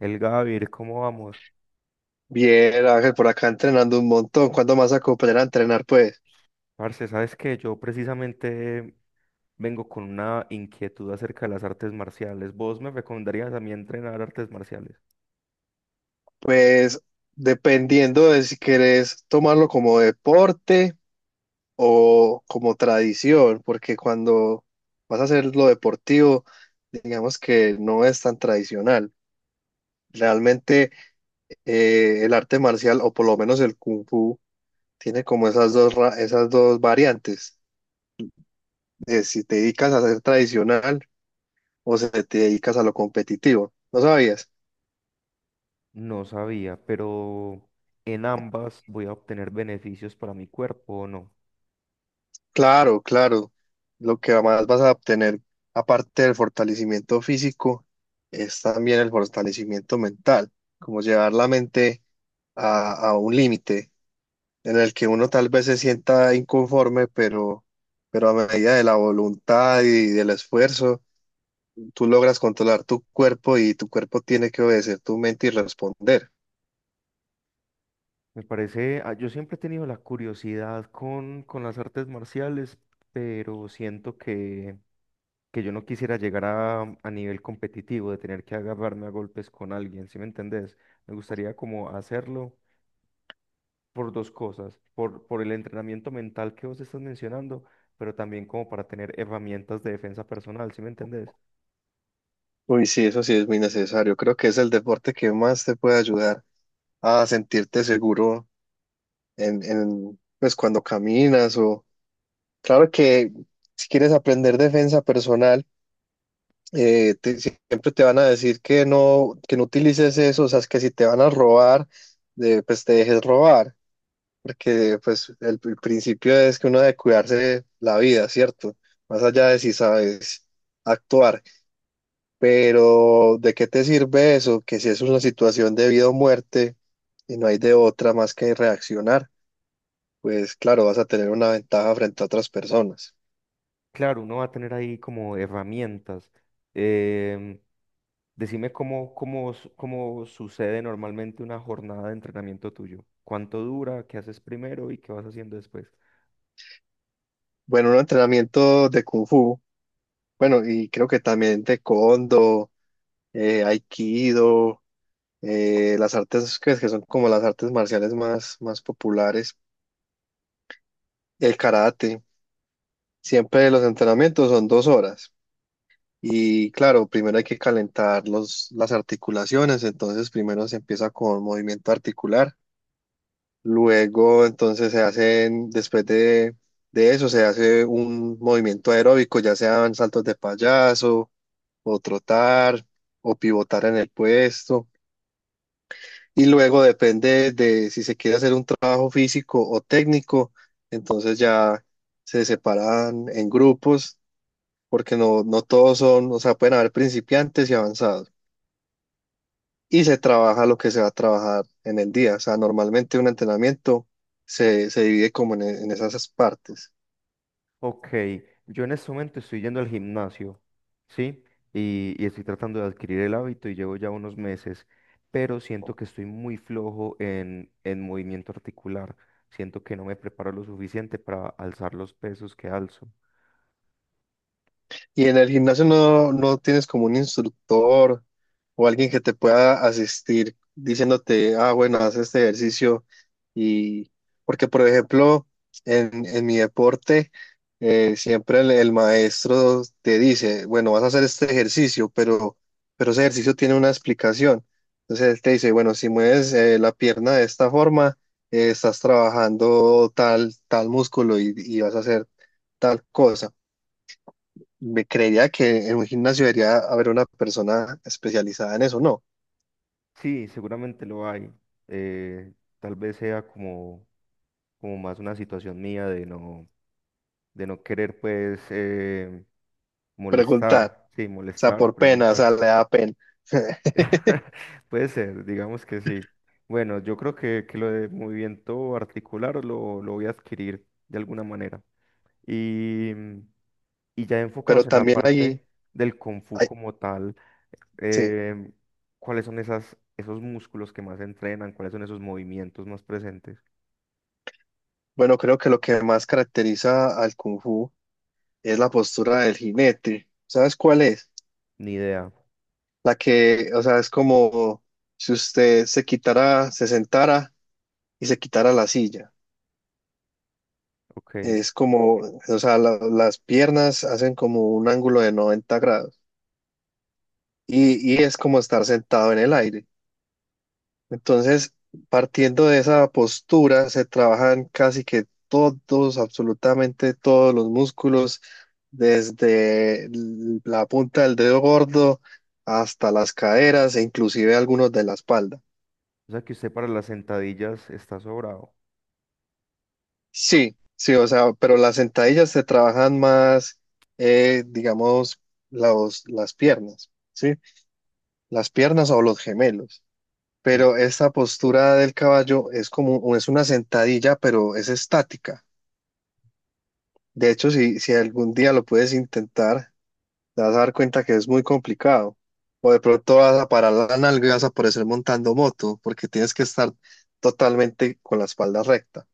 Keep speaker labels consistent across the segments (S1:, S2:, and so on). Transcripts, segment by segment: S1: El Gavir, ¿cómo vamos?
S2: Bien, Ángel, por acá entrenando un montón. ¿Cuándo más a cooperar a entrenar? Pues,
S1: Parce, ¿sabes qué? Yo precisamente vengo con una inquietud acerca de las artes marciales. ¿Vos me recomendarías a mí entrenar artes marciales?
S2: pues dependiendo de si querés tomarlo como deporte o como tradición, porque cuando vas a hacer lo deportivo, digamos que no es tan tradicional. Realmente el arte marcial, o por lo menos el kung fu, tiene como esas dos, esas dos variantes, de si te dedicas a ser tradicional o si te dedicas a lo competitivo. ¿No sabías?
S1: No sabía, pero en ambas voy a obtener beneficios para mi cuerpo o no.
S2: Claro, claro. Lo que más vas a obtener, aparte del fortalecimiento físico, es también el fortalecimiento mental, como llevar la mente a un límite en el que uno tal vez se sienta inconforme, pero a medida de la voluntad y del esfuerzo, tú logras controlar tu cuerpo y tu cuerpo tiene que obedecer tu mente y responder.
S1: Me parece, ah, yo siempre he tenido la curiosidad con las artes marciales, pero siento que yo no quisiera llegar a nivel competitivo de tener que agarrarme a golpes con alguien, ¿sí me entendés? Me gustaría como hacerlo por dos cosas, por el entrenamiento mental que vos estás mencionando, pero también como para tener herramientas de defensa personal, ¿sí me entendés?
S2: Uy, sí, eso sí es muy necesario. Creo que es el deporte que más te puede ayudar a sentirte seguro pues cuando caminas o claro que si quieres aprender defensa personal, siempre te van a decir que no utilices eso, o sea, es que si te van a robar, pues te dejes robar, porque pues el principio es que uno debe cuidarse la vida, ¿cierto? Más allá de si sabes actuar, pero ¿de qué te sirve eso? Que si es una situación de vida o muerte y no hay de otra más que reaccionar. Pues claro, vas a tener una ventaja frente a otras personas.
S1: Claro, uno va a tener ahí como herramientas. Em, Decime cómo sucede normalmente una jornada de entrenamiento tuyo. ¿Cuánto dura? ¿Qué haces primero y qué vas haciendo después?
S2: Bueno, un entrenamiento de Kung Fu, bueno, y creo que también de Kondo, Aikido, las artes que son como las artes marciales más populares, el karate. Siempre los entrenamientos son 2 horas. Y claro, primero hay que calentar las articulaciones, entonces primero se empieza con movimiento articular. Luego, entonces se hacen, después de eso, se hace un movimiento aeróbico, ya sean saltos de payaso, o trotar, o pivotar en el puesto. Y luego depende de si se quiere hacer un trabajo físico o técnico, entonces ya se separan en grupos, porque no todos son, o sea, pueden haber principiantes y avanzados. Y se trabaja lo que se va a trabajar en el día. O sea, normalmente un entrenamiento se divide como en esas partes.
S1: Ok, yo en este momento estoy yendo al gimnasio, ¿sí? Y estoy tratando de adquirir el hábito y llevo ya unos meses, pero siento que estoy muy flojo en, movimiento articular. Siento que no me preparo lo suficiente para alzar los pesos que alzo.
S2: Y en el gimnasio no tienes como un instructor o alguien que te pueda asistir diciéndote, ah, bueno, haz este ejercicio. Y porque, por ejemplo, en mi deporte, siempre el maestro te dice, bueno, vas a hacer este ejercicio, pero ese ejercicio tiene una explicación. Entonces él te dice, bueno, si mueves la pierna de esta forma, estás trabajando tal músculo y vas a hacer tal cosa. Me creería que en un gimnasio debería haber una persona especializada en eso, ¿no?
S1: Sí, seguramente lo hay. eh, Tal vez sea como, como más una situación mía de no querer, pues,
S2: Preguntar, o
S1: molestar, sí,
S2: sea,
S1: molestar o
S2: por pena, o
S1: preguntar.
S2: sea, le da pena.
S1: Puede ser, digamos que sí. Bueno, yo creo que lo de movimiento articular lo voy a adquirir de alguna manera. Y, y ya
S2: Pero
S1: enfocados en la
S2: también ahí,
S1: parte del Kung Fu
S2: ahí-
S1: como tal,
S2: sí,
S1: eh, ¿cuáles son esas, esos músculos que más entrenan? ¿Cuáles son esos movimientos más presentes?
S2: bueno, creo que lo que más caracteriza al Kung Fu es la postura del jinete. ¿Sabes cuál es?
S1: Ni idea.
S2: La que, o sea, es como si usted se quitara, se sentara y se quitara la silla.
S1: Ok.
S2: Es como, o sea, las piernas hacen como un ángulo de 90° y es como estar sentado en el aire. Entonces, partiendo de esa postura, se trabajan casi que todos, absolutamente todos los músculos, desde la punta del dedo gordo hasta las caderas e inclusive algunos de la espalda.
S1: O sea que usted para las sentadillas está sobrado.
S2: Sí, sí, o sea, pero las sentadillas se trabajan más, digamos, las piernas, ¿sí? Las piernas o los gemelos.
S1: Sí.
S2: Pero esta postura del caballo es como, es una sentadilla, pero es estática. De hecho, si algún día lo puedes intentar, te vas a dar cuenta que es muy complicado. O de pronto vas a parar la nalga y vas a aparecer montando moto, porque tienes que estar totalmente con la espalda recta.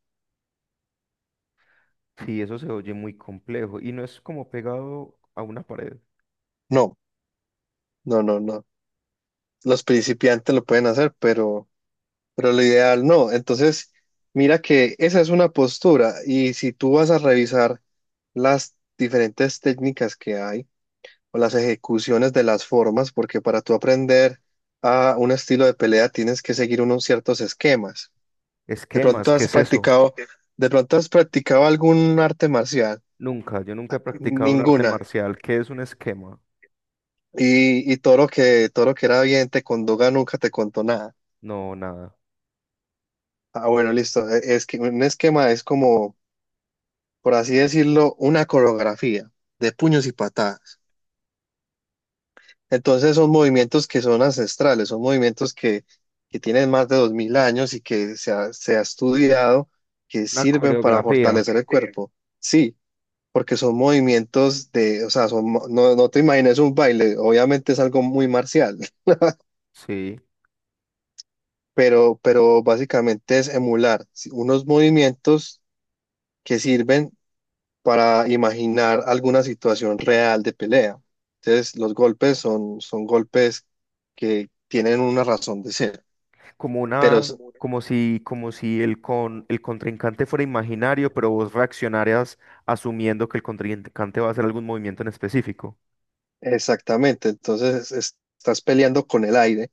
S1: Sí, eso se oye muy complejo y no es como pegado a una pared.
S2: No, no, no, no. Los principiantes lo pueden hacer, pero lo ideal no. Entonces, mira que esa es una postura. Y si tú vas a revisar las diferentes técnicas que hay, o las ejecuciones de las formas, porque para tú aprender a un estilo de pelea tienes que seguir unos ciertos esquemas. De
S1: Esquemas,
S2: pronto
S1: ¿qué
S2: has
S1: es eso?
S2: practicado, de pronto has practicado algún arte marcial,
S1: Nunca, yo nunca he practicado un arte
S2: ninguna.
S1: marcial. ¿Qué es un esquema?
S2: Y Toro que era bien, Condoga nunca te contó nada.
S1: No, nada.
S2: Ah, bueno, listo. Es que un esquema es como, por así decirlo, una coreografía de puños y patadas. Entonces son movimientos que son ancestrales, son movimientos que tienen más de 2000 años y que se ha estudiado que
S1: Una
S2: sirven para
S1: coreografía,
S2: fortalecer el cuerpo. Sí, porque son movimientos de, o sea, no, no te imagines un baile, obviamente es algo muy marcial,
S1: sí.
S2: pero básicamente es emular sí, unos movimientos que sirven para imaginar alguna situación real de pelea. Entonces los golpes son, golpes que tienen una razón de ser.
S1: Como
S2: pero
S1: una,
S2: es-
S1: como si el con, el contrincante fuera imaginario, pero vos reaccionarías asumiendo que el contrincante va a hacer algún movimiento en específico.
S2: Exactamente, entonces estás peleando con el aire,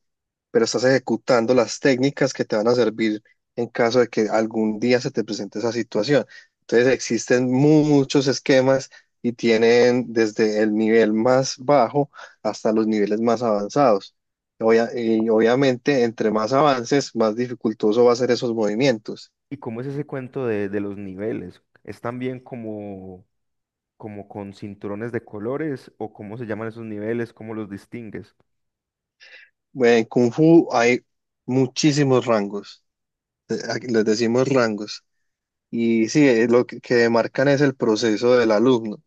S2: pero estás ejecutando las técnicas que te van a servir en caso de que algún día se te presente esa situación. Entonces existen muchos esquemas y tienen desde el nivel más bajo hasta los niveles más avanzados. Y obviamente, entre más avances, más dificultoso va a ser esos movimientos.
S1: ¿Y cómo es ese cuento de los niveles? ¿Es también como, como con cinturones de colores o cómo se llaman esos niveles? ¿Cómo los distingues?
S2: En Kung Fu hay muchísimos rangos, aquí les decimos rangos. Y sí, lo que demarcan es el proceso del alumno,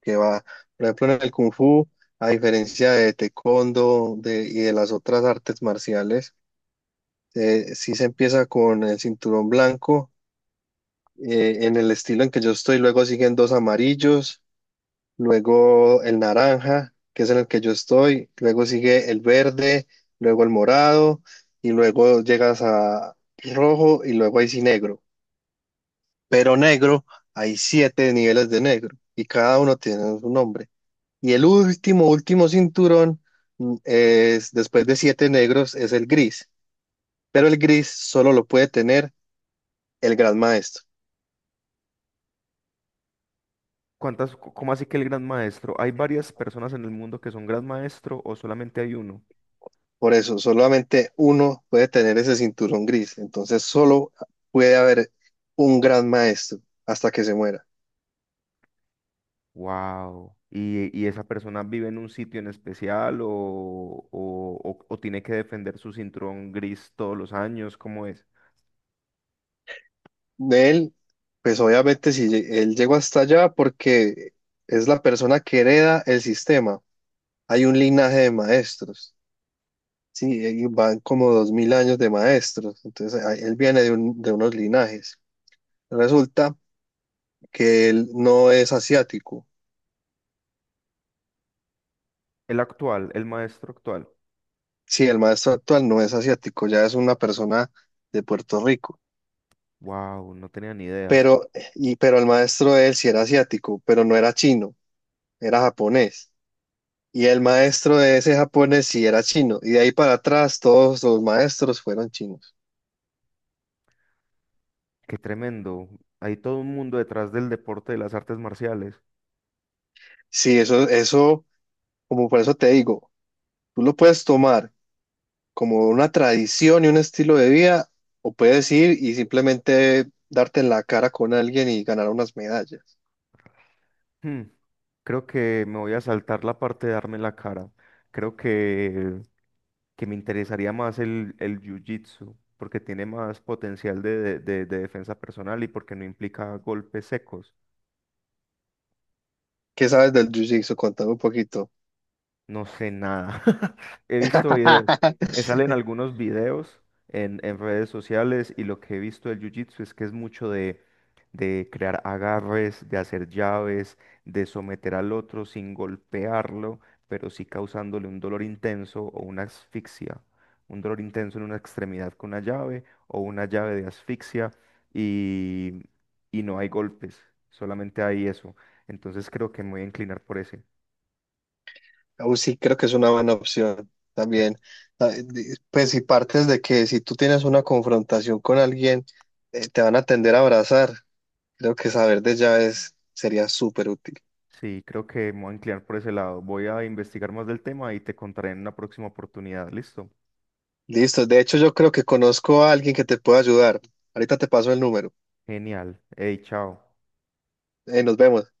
S2: que va, por ejemplo, en el Kung Fu, a diferencia de Taekwondo y de las otras artes marciales, sí se empieza con el cinturón blanco, en el estilo en que yo estoy, luego siguen dos amarillos, luego el naranja, que es en el que yo estoy, luego sigue el verde, luego el morado, y luego llegas a rojo y luego ahí sí negro. Pero negro, hay siete niveles de negro y cada uno tiene su nombre. Y el último cinturón es, después de siete negros, es el gris, pero el gris solo lo puede tener el gran maestro.
S1: ¿Cuántas, c- cómo así que el gran maestro? ¿Hay varias personas en el mundo que son gran maestro o solamente hay uno?
S2: Por eso, solamente uno puede tener ese cinturón gris. Entonces, solo puede haber un gran maestro hasta que se muera.
S1: Wow. ¿Esa persona vive en un sitio en especial o tiene que defender su cinturón gris todos los años? ¿Cómo es?
S2: De él, pues obviamente, si él llegó hasta allá, porque es la persona que hereda el sistema hay un linaje de maestros. Sí, ahí van como 2000 años de maestros, entonces él viene de unos linajes. Resulta que él no es asiático.
S1: El actual, el maestro actual.
S2: Sí, el maestro actual no es asiático, ya es una persona de Puerto Rico.
S1: Wow, no tenía ni idea.
S2: Pero, pero el maestro de él sí era asiático, pero no era chino, era japonés. Y el maestro de ese japonés sí era chino. Y de ahí para atrás todos los maestros fueron chinos.
S1: Qué tremendo. Hay todo un mundo detrás del deporte de las artes marciales.
S2: Sí, eso, como por eso te digo, tú lo puedes tomar como una tradición y un estilo de vida, o puedes ir y simplemente darte en la cara con alguien y ganar unas medallas.
S1: Hmm, creo que me voy a saltar la parte de darme en la cara. Creo que me interesaría más el jiu-jitsu, porque tiene más potencial de, de defensa personal y porque no implica golpes secos.
S2: ¿Qué sabes del jiu-jitsu? Contame un poquito.
S1: No sé nada. He visto videos. Me salen algunos videos en redes sociales y lo que he visto del jiu-jitsu es que es mucho de crear agarres, de hacer llaves, de someter al otro sin golpearlo, pero sí causándole un dolor intenso o una asfixia. Un dolor intenso en una extremidad con una llave o una llave de asfixia y, y no hay golpes, solamente hay eso. Entonces creo que me voy a inclinar por ese.
S2: Sí, creo que es una buena opción también. Ah, pues si partes de que si tú tienes una confrontación con alguien, te van a tender a abrazar. Creo que saber de llaves sería súper útil.
S1: Sí, creo que me voy a inclinar por ese lado. Voy a investigar más del tema y te contaré en una próxima oportunidad. ¿Listo?
S2: Listo, de hecho yo creo que conozco a alguien que te puede ayudar. Ahorita te paso el número.
S1: Genial. Hey, chao.
S2: Nos vemos.